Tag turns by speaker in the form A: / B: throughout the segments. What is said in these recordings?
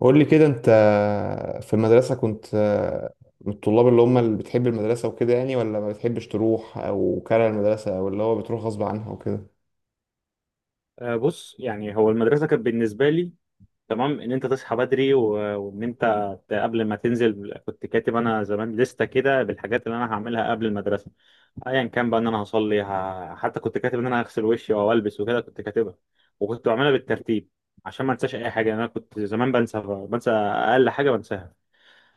A: قول لي كده انت في المدرسة كنت من الطلاب اللي هم اللي بتحب المدرسة وكده يعني، ولا ما بتحبش تروح او كاره المدرسة او اللي هو بتروح غصب عنها وكده؟
B: آه، بص، يعني هو المدرسة كانت بالنسبة لي تمام إن أنت تصحى بدري وإن أنت قبل ما تنزل كنت كاتب أنا زمان لستة كده بالحاجات اللي أنا هعملها قبل المدرسة، أيا كان بقى، إن أنا هصلي حتى كنت كاتب إن أنا هغسل وشي أو ألبس وكده، كنت كاتبها وكنت بعملها بالترتيب عشان ما أنساش أي حاجة. يعني أنا كنت زمان بنسى أقل حاجة بنساها.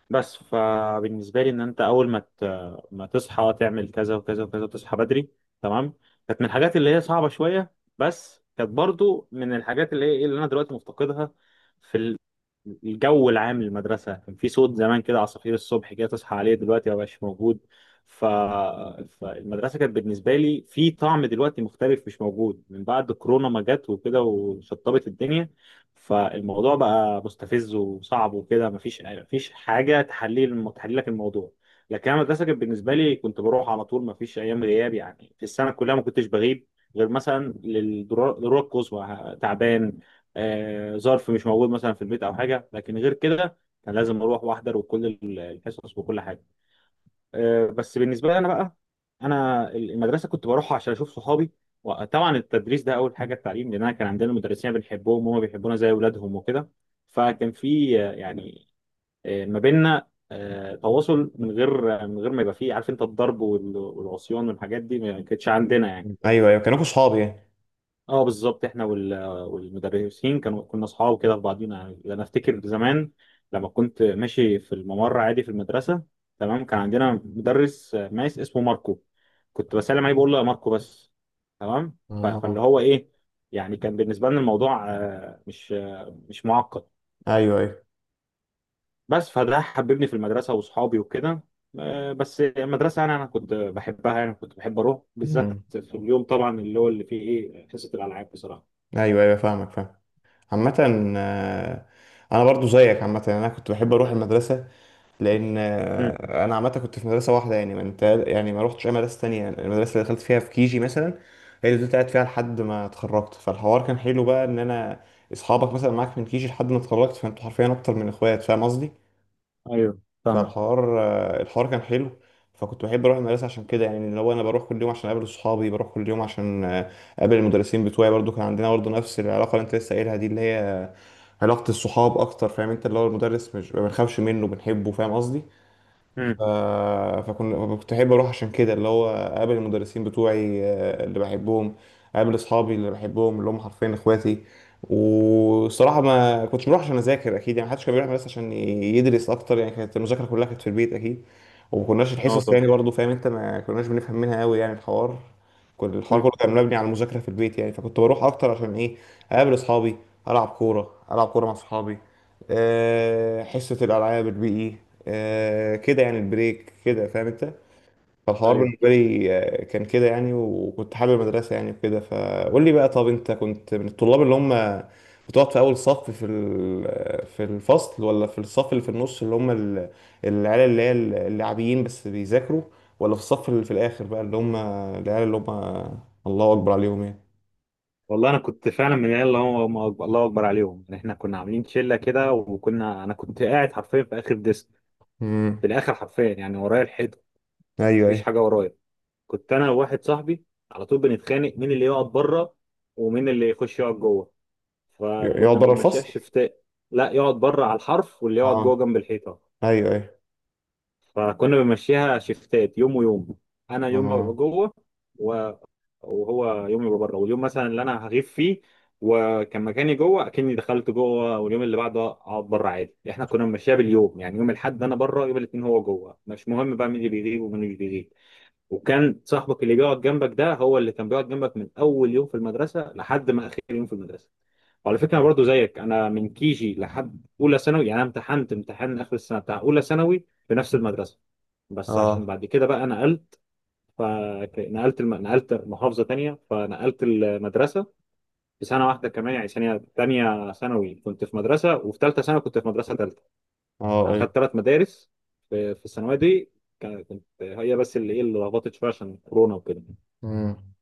B: بس فبالنسبة لي إن أنت أول ما ما تصحى تعمل كذا وكذا وكذا وتصحى بدري، تمام، كانت من الحاجات اللي هي صعبة شوية، بس كانت برضو من الحاجات اللي هي إيه، اللي أنا دلوقتي مفتقدها. في الجو العام للمدرسة، كان في صوت زمان كده، عصافير الصبح كده تصحى عليه، دلوقتي ما بقاش موجود. ف... فالمدرسة كانت بالنسبة لي في طعم دلوقتي مختلف، مش موجود من بعد كورونا ما جت وكده وشطبت الدنيا. فالموضوع بقى مستفز وصعب وكده، مفيش حاجه تحليل تحليلك الموضوع. لكن انا المدرسه كانت بالنسبه لي كنت بروح على طول، مفيش ايام غياب يعني، في السنه كلها ما كنتش بغيب غير مثلا للضرورة الضرورة القصوى، تعبان، آه، ظرف مش موجود مثلا في البيت او حاجه، لكن غير كده كان لازم اروح واحضر وكل الحصص وكل حاجه. بس بالنسبه لي انا بقى، انا المدرسه كنت بروح عشان اشوف صحابي، وطبعا التدريس ده اول حاجه، التعليم، لان انا كان عندنا مدرسين بنحبهم وهم بيحبونا زي اولادهم وكده. فكان في يعني ما بيننا تواصل، من غير ما يبقى فيه، عارف انت، الضرب والعصيان والحاجات دي ما كانتش عندنا يعني.
A: ايوه ايوه، كانوا صحاب يعني.
B: اه بالظبط، احنا والمدرسين كنا اصحاب كده في بعضينا يعني. انا افتكر زمان لما كنت ماشي في الممر عادي في المدرسه، تمام، كان عندنا مدرس ماس اسمه ماركو، كنت بسلم عليه بقول له يا ماركو بس، تمام. فاللي
A: اه
B: هو ايه، يعني كان بالنسبه لنا الموضوع مش معقد.
A: ايوه ايوه.
B: بس فده حببني في المدرسه واصحابي وكده. بس المدرسه انا كنت بحبها يعني، كنت بحب اروح بالذات
A: مم.
B: في اليوم طبعا اللي هو اللي فيه ايه، حصه الالعاب، بصراحه.
A: ايوه ايوه فاهمك فاهم. عامة، آه، انا برضو زيك. عامة انا كنت بحب اروح المدرسة، لان انا عامه كنت في مدرسه واحده يعني، ما انت يعني ما روحتش اي مدرسه تانية. المدرسه اللي دخلت فيها في كيجي مثلا هي اللي كنت قاعد فيها لحد ما اتخرجت، فالحوار كان حلو بقى ان انا اصحابك مثلا معاك من كيجي لحد ما اتخرجت، فانتوا حرفيا اكتر من اخوات، فاهم قصدي؟
B: ايوه، فاهمك.
A: فالحوار الحوار كان حلو، فكنت بحب اروح المدرسه عشان كده يعني، اللي هو انا بروح كل يوم عشان اقابل اصحابي، بروح كل يوم عشان اقابل المدرسين بتوعي. برضو كان عندنا برضو نفس العلاقه اللي انت لسه قايلها دي، اللي هي علاقه الصحاب اكتر، فاهم انت؟ اللي هو المدرس مش، ما بنخافش منه بنحبه، فاهم قصدي؟
B: امم.
A: ف- فكنا كنت احب اروح عشان كده، اللي هو اقابل المدرسين بتوعي اللي بحبهم، اقابل اصحابي اللي بحبهم اللي هم حرفيا اخواتي. والصراحه ما كنتش بروح عشان اذاكر اكيد يعني، محدش كان بيروح بس عشان يدرس اكتر يعني، كانت المذاكره كلها كانت في البيت اكيد. وما كناش
B: اه،
A: الحصص
B: طبعا.
A: يعني برضو، فاهم انت؟ ما كناش بنفهم منها قوي يعني، الحوار كل الحوار
B: امم.
A: كله كان مبني على المذاكره في البيت يعني، فكنت بروح اكتر عشان ايه؟ اقابل اصحابي، العب كوره، العب كوره مع اصحابي، حصه الالعاب، البي اي، آه كده يعني، البريك كده، فاهم انت؟ فالحوار
B: ايوه.
A: بالنسبه لي كان كده يعني، وكنت حابب المدرسه يعني وكده. فقول لي بقى، طب انت كنت من الطلاب اللي هم بتقعد في اول صف في في الفصل، ولا في الصف اللي في النص اللي هم العيال اللي هي اللاعبيين بس بيذاكروا، ولا في الصف اللي في الاخر بقى اللي هم العيال اللي هم الله اكبر عليهم يعني؟
B: والله انا كنت فعلا من العيال اللي هو هم الله اكبر عليهم يعني. احنا كنا عاملين شله كده، انا كنت قاعد حرفيا في اخر ديسك،
A: امم.
B: في الاخر حرفيا يعني، ورايا الحيطه،
A: ايوه
B: مفيش
A: ايوه.
B: حاجه ورايا. كنت انا وواحد صاحبي على طول بنتخانق مين اللي يقعد بره ومين اللي يخش يقعد جوه،
A: يقعد
B: فكنا
A: بره
B: بنمشيها
A: الفصل؟
B: شفتات. لا، يقعد بره على الحرف، واللي يقعد جوه
A: اه
B: جنب الحيطه،
A: ايوه ايوه.
B: فكنا بنمشيها شفتات يوم ويوم. انا يوم ابقى
A: اه.
B: جوه وهو يومي يبقى بره، واليوم مثلا اللي انا هغيب فيه وكان مكاني جوه، اكني دخلت جوه، واليوم اللي بعده اقعد بره عادي. احنا كنا ماشيين باليوم يعني، يوم الاحد انا بره، يوم الاثنين هو جوه، مش مهم بقى مين اللي بيغيب ومين اللي مش بيغيب. وكان صاحبك اللي بيقعد جنبك ده هو اللي كان بيقعد جنبك من اول يوم في المدرسه لحد ما اخر يوم في المدرسه. وعلى فكره انا برضه زيك، انا من كيجي لحد اولى ثانوي يعني، انا امتحنت امتحان اخر السنه بتاع اولى ثانوي في نفس المدرسه، بس عشان
A: اه.
B: بعد كده بقى انا فنقلت نقلت محافظة تانية فنقلت المدرسة، في سنة واحدة كمان، يعني سنة تانية ثانوي كنت في مدرسة، وفي تالتة ثانوي كنت في مدرسة تالتة.
A: اه
B: أنا
A: ايوه.
B: خدت تلات مدارس في الثانوية دي، كنت هي بس اللي إيه، اللي لخبطت شوية عشان كورونا وكده.
A: امم.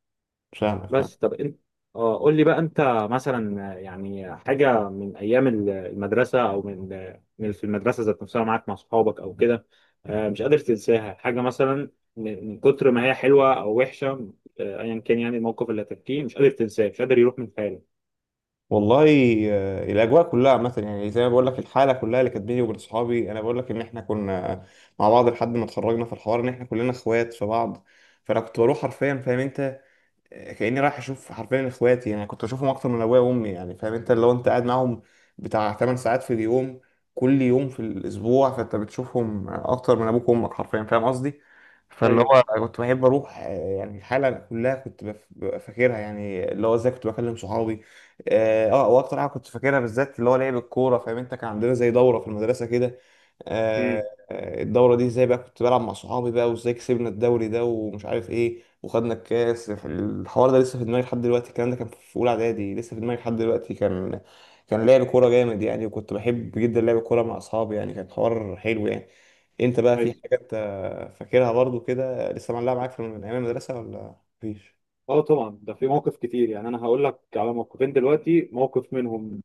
A: فاهمك فاهمك.
B: بس طب انت، اه، قول لي بقى انت، مثلا يعني حاجه من ايام المدرسه او من في المدرسه ذات نفسها، معاك مع اصحابك او كده، مش قادر تنساها، حاجه مثلا من كتر ما هي حلوه او وحشه، ايا كان يعني الموقف اللي هتحكيه مش قادر تنساه، مش قادر يروح من خيالك.
A: والله الاجواء كلها عامه يعني، زي ما بقول لك الحاله كلها اللي كانت بيني وبين صحابي، انا بقول لك ان احنا كنا مع بعض لحد ما اتخرجنا، في الحوار ان احنا كلنا اخوات في بعض. فانا كنت بروح حرفيا، فاهم انت؟ كأني رايح اشوف حرفيا اخواتي يعني، كنت اشوفهم اكتر من ابويا وامي يعني. فاهم انت؟ لو انت قاعد معاهم بتاع 8 ساعات في اليوم كل يوم في الاسبوع، فانت بتشوفهم اكتر من ابوك وامك حرفيا، فاهم قصدي؟ فاللي
B: ايوه.
A: هو كنت بحب اروح، يعني الحاله كلها كنت ببقى فاكرها يعني، اللي هو ازاي كنت بكلم صحابي. اه واكتر حاجه كنت فاكرها بالذات اللي هو لعب الكوره، فاهم انت؟ كان عندنا زي دوره في المدرسه كده، آه،
B: امم.
A: الدوره دي ازاي بقى كنت بلعب مع صحابي بقى، وازاي كسبنا الدوري ده ومش عارف ايه، وخدنا الكاس. الحوار ده لسه في دماغي لحد دلوقتي، الكلام ده كان في اولى اعدادي لسه في دماغي لحد دلوقتي. كان كان لعب كوره جامد يعني، وكنت بحب جدا لعب الكوره مع اصحابي يعني، كان حوار حلو يعني. انت بقى في
B: ايوه.
A: حاجه انت فاكرها برضو كده لسه معلقه معاك من ايام المدرسه، ولا مفيش؟
B: اه، طبعا، ده في موقف كتير يعني، انا هقول لك على موقفين دلوقتي، موقف منهم.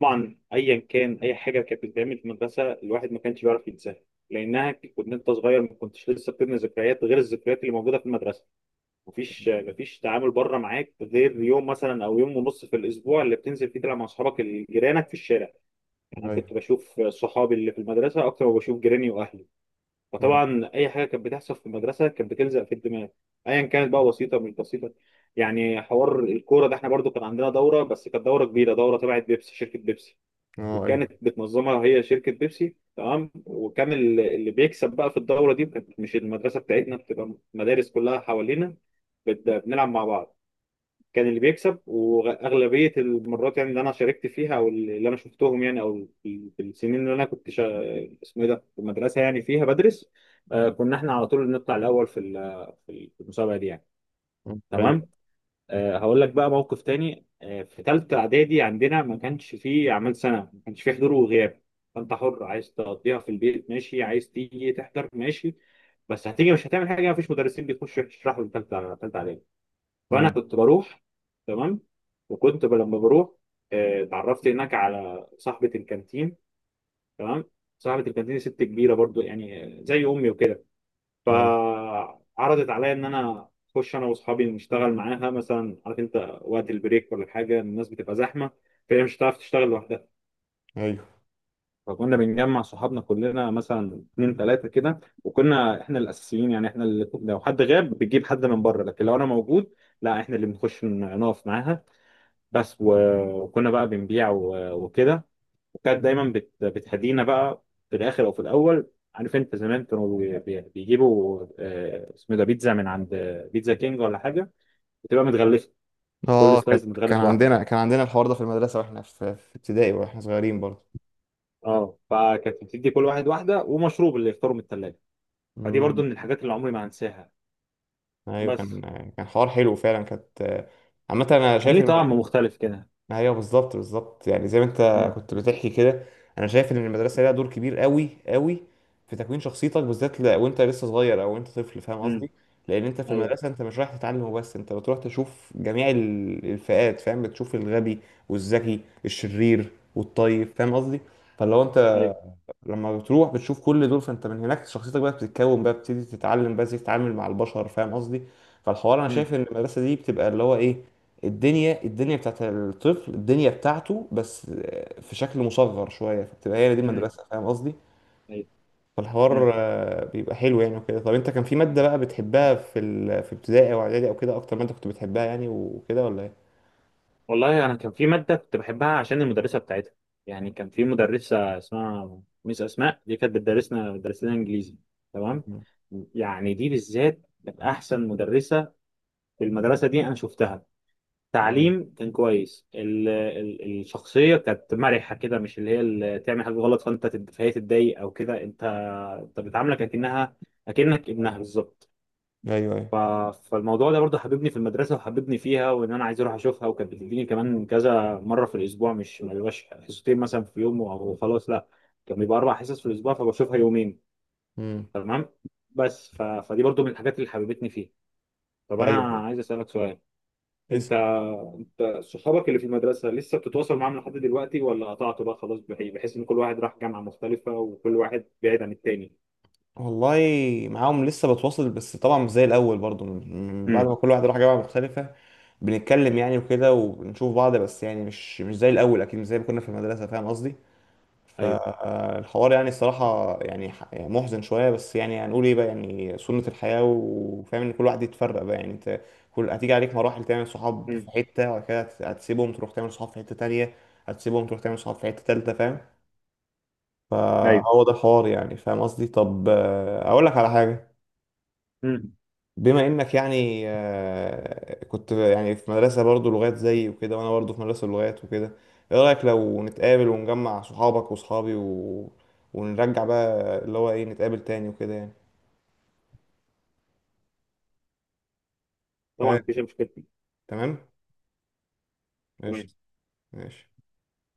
B: طبعا ايا كان اي حاجه كانت بتتعمل في المدرسه الواحد ما كانش بيعرف ينساها، لانها كنت انت صغير، ما كنتش لسه بتبني ذكريات غير الذكريات اللي موجوده في المدرسه، مفيش تعامل بره معاك غير يوم مثلا او يوم ونص في الاسبوع اللي بتنزل فيه تلعب مع اصحابك اللي جيرانك في الشارع، يعني
A: ايوه.
B: كنت بشوف صحابي اللي في المدرسه اكتر ما بشوف جيراني واهلي.
A: مم.
B: فطبعا اي حاجه كانت بتحصل في المدرسه كانت بتلزق في الدماغ، ايا كانت بقى، بسيطه مش بسيطه. يعني حوار الكوره ده احنا برضو كان عندنا دوره، بس كانت دوره كبيره، دوره تبعت بيبسي، شركه بيبسي
A: اه ايوه.
B: كانت بتنظمها هي، شركة بيبسي، تمام. وكان اللي بيكسب بقى في الدورة دي، كانت مش المدرسة بتاعتنا، بتبقى مدارس كلها حوالينا بنلعب مع بعض، كان اللي بيكسب وأغلبية المرات يعني اللي أنا شاركت فيها أو اللي أنا شفتهم يعني، أو في السنين اللي أنا كنت اسمه إيه ده، في المدرسة يعني فيها بدرس، آه، كنا إحنا على طول نطلع الأول في المسابقة دي يعني،
A: مم. ايوه.
B: تمام. هقول لك بقى موقف تاني، في تالتة إعدادي عندنا ما كانش فيه أعمال سنة، ما كانش فيه حضور وغياب، فأنت حر، عايز تقضيها في البيت ماشي، عايز تيجي تحضر ماشي، بس هتيجي مش هتعمل حاجة، مفيش مدرسين بيخشوا يشرحوا في تالتة إعدادي. فأنا
A: مم.
B: كنت بروح، تمام، وكنت لما بروح، اتعرفت هناك على صاحبة الكانتين، تمام. صاحبة الكانتين ست كبيرة برضو يعني، زي أمي وكده،
A: ايوه
B: فعرضت عليا ان انا اخش انا واصحابي نشتغل معاها، مثلا عارف انت وقت البريك ولا حاجه الناس بتبقى زحمه فهي مش هتعرف تشتغل لوحدها.
A: ايوه.
B: فكنا بنجمع صحابنا كلنا، مثلا اتنين تلاته كده، وكنا احنا الاساسيين يعني، احنا اللي لو حد غاب بتجيب حد من بره، لكن لو انا موجود لا، احنا اللي بنخش نقف معاها بس. و- وكنا بقى بنبيع وكده، وكانت دايما بتهدينا بقى في الاخر او في الاول، عارف انت، زمان كانوا بيجيبوا اسمه ده، بيتزا، من عند بيتزا كينج ولا حاجه، بتبقى متغلفه، كل
A: اه كان
B: سلايز
A: كان
B: متغلف لوحده.
A: عندنا كان عندنا الحوار ده في المدرسه واحنا في ابتدائي واحنا صغيرين برضو.
B: اه، فكانت بتدي كل واحد واحده ومشروب اللي يختاروا من الثلاجه. فدي برضو
A: مم.
B: من الحاجات اللي عمري ما هنساها.
A: ايوه
B: بس،
A: كان كان حوار حلو فعلا، كانت عامة أنا
B: كان
A: شايف.
B: ليه طعم مختلف كده.
A: ايوه بالظبط بالظبط، يعني زي ما انت
B: امم.
A: كنت بتحكي كده. انا شايف ان المدرسه ليها دور كبير قوي قوي في تكوين شخصيتك، بالذات وانت لسه صغير او انت طفل، فاهم
B: امم.
A: قصدي؟ لان انت في
B: ايوه.
A: المدرسه انت مش رايح تتعلم وبس، انت بتروح تشوف جميع الفئات، فاهم؟ بتشوف الغبي والذكي، الشرير والطيب، فاهم قصدي؟ فلو انت
B: ايوه.
A: لما بتروح بتشوف كل دول، فانت من هناك شخصيتك بقى بتتكون، بقى بتبتدي تتعلم بقى ازاي تتعامل مع البشر، فاهم قصدي؟ فالحوار انا
B: امم.
A: شايف ان المدرسه دي بتبقى اللي هو ايه، الدنيا بتاعت الطفل، الدنيا بتاعته بس في شكل مصغر شويه، فبتبقى هي دي
B: امم.
A: المدرسه، فاهم قصدي؟
B: ايوه.
A: فالحوار بيبقى حلو يعني وكده. طب انت كان في ماده بقى بتحبها في في ابتدائي او اعدادي او كده، اكتر ماده كنت بتحبها يعني وكده، ولا ايه؟
B: والله انا كان في ماده كنت بحبها عشان المدرسه بتاعتها، يعني كان في مدرسه اسمها ميس اسماء، دي كانت بتدرس لنا انجليزي، تمام،
A: مم.
B: يعني دي بالذات كانت احسن مدرسه في المدرسه دي انا شفتها،
A: مم.
B: تعليم كان كويس، ال ال الشخصيه كانت مرحه كده، مش اللي هي اللي تعمل حاجه غلط فانت فهي تتضايق او كده، انت بتعاملك اكنك ابنها بالظبط.
A: ايوه ايوه.
B: ف- فالموضوع ده برضه حببني في المدرسة وحببني فيها، وإن أنا عايز أروح أشوفها. وكانت بتديني كمان كذا مرة في الأسبوع، مش ما بيبقاش حصتين مثلا في يوم أو خلاص، لا، كان بيبقى أربع حصص في الأسبوع فبشوفها يومين،
A: مم.
B: تمام. بس فدي برضه من الحاجات اللي حببتني فيه. طب أنا
A: ايوه
B: عايز أسألك سؤال،
A: ايوه.
B: أنت أنت صحابك اللي في المدرسة لسه بتتواصل معاهم لحد دلوقتي، ولا قطعت بقى خلاص بحيث إن كل واحد راح جامعة مختلفة وكل واحد بعيد عن التاني؟
A: والله معاهم لسه بتواصل، بس طبعا مش زي الاول برضو، من بعد ما
B: امم.
A: كل واحد راح جامعه مختلفه. بنتكلم يعني وكده، وبنشوف بعض، بس يعني مش زي الاول اكيد، مش زي ما كنا في المدرسه، فاهم قصدي؟
B: ايوه.
A: فالحوار يعني الصراحه يعني يعني محزن شويه، بس يعني هنقول ايه بقى؟ يعني سنه الحياه، وفاهم ان كل واحد يتفرق بقى يعني. انت كل هتيجي عليك مراحل، تعمل صحاب في
B: امم.
A: حته، وبعد كده هتسيبهم تروح تعمل صحاب في حته تانية، هتسيبهم تروح تعمل صحاب في حته تالتة، فاهم؟
B: ايوه.
A: فهو ده الحوار يعني، فاهم قصدي؟ طب اقول لك على حاجه،
B: امم.
A: بما انك يعني كنت يعني في مدرسة برضو لغات زي وكده، وانا برضو في مدرسة لغات وكده، ايه رأيك لو نتقابل ونجمع صحابك وصحابي و... ونرجع بقى اللي هو ايه، نتقابل تاني وكده يعني؟
B: طبعا،
A: آه،
B: مفيش مشكلة.
A: تمام.
B: تمام.
A: قشطة. ماشي.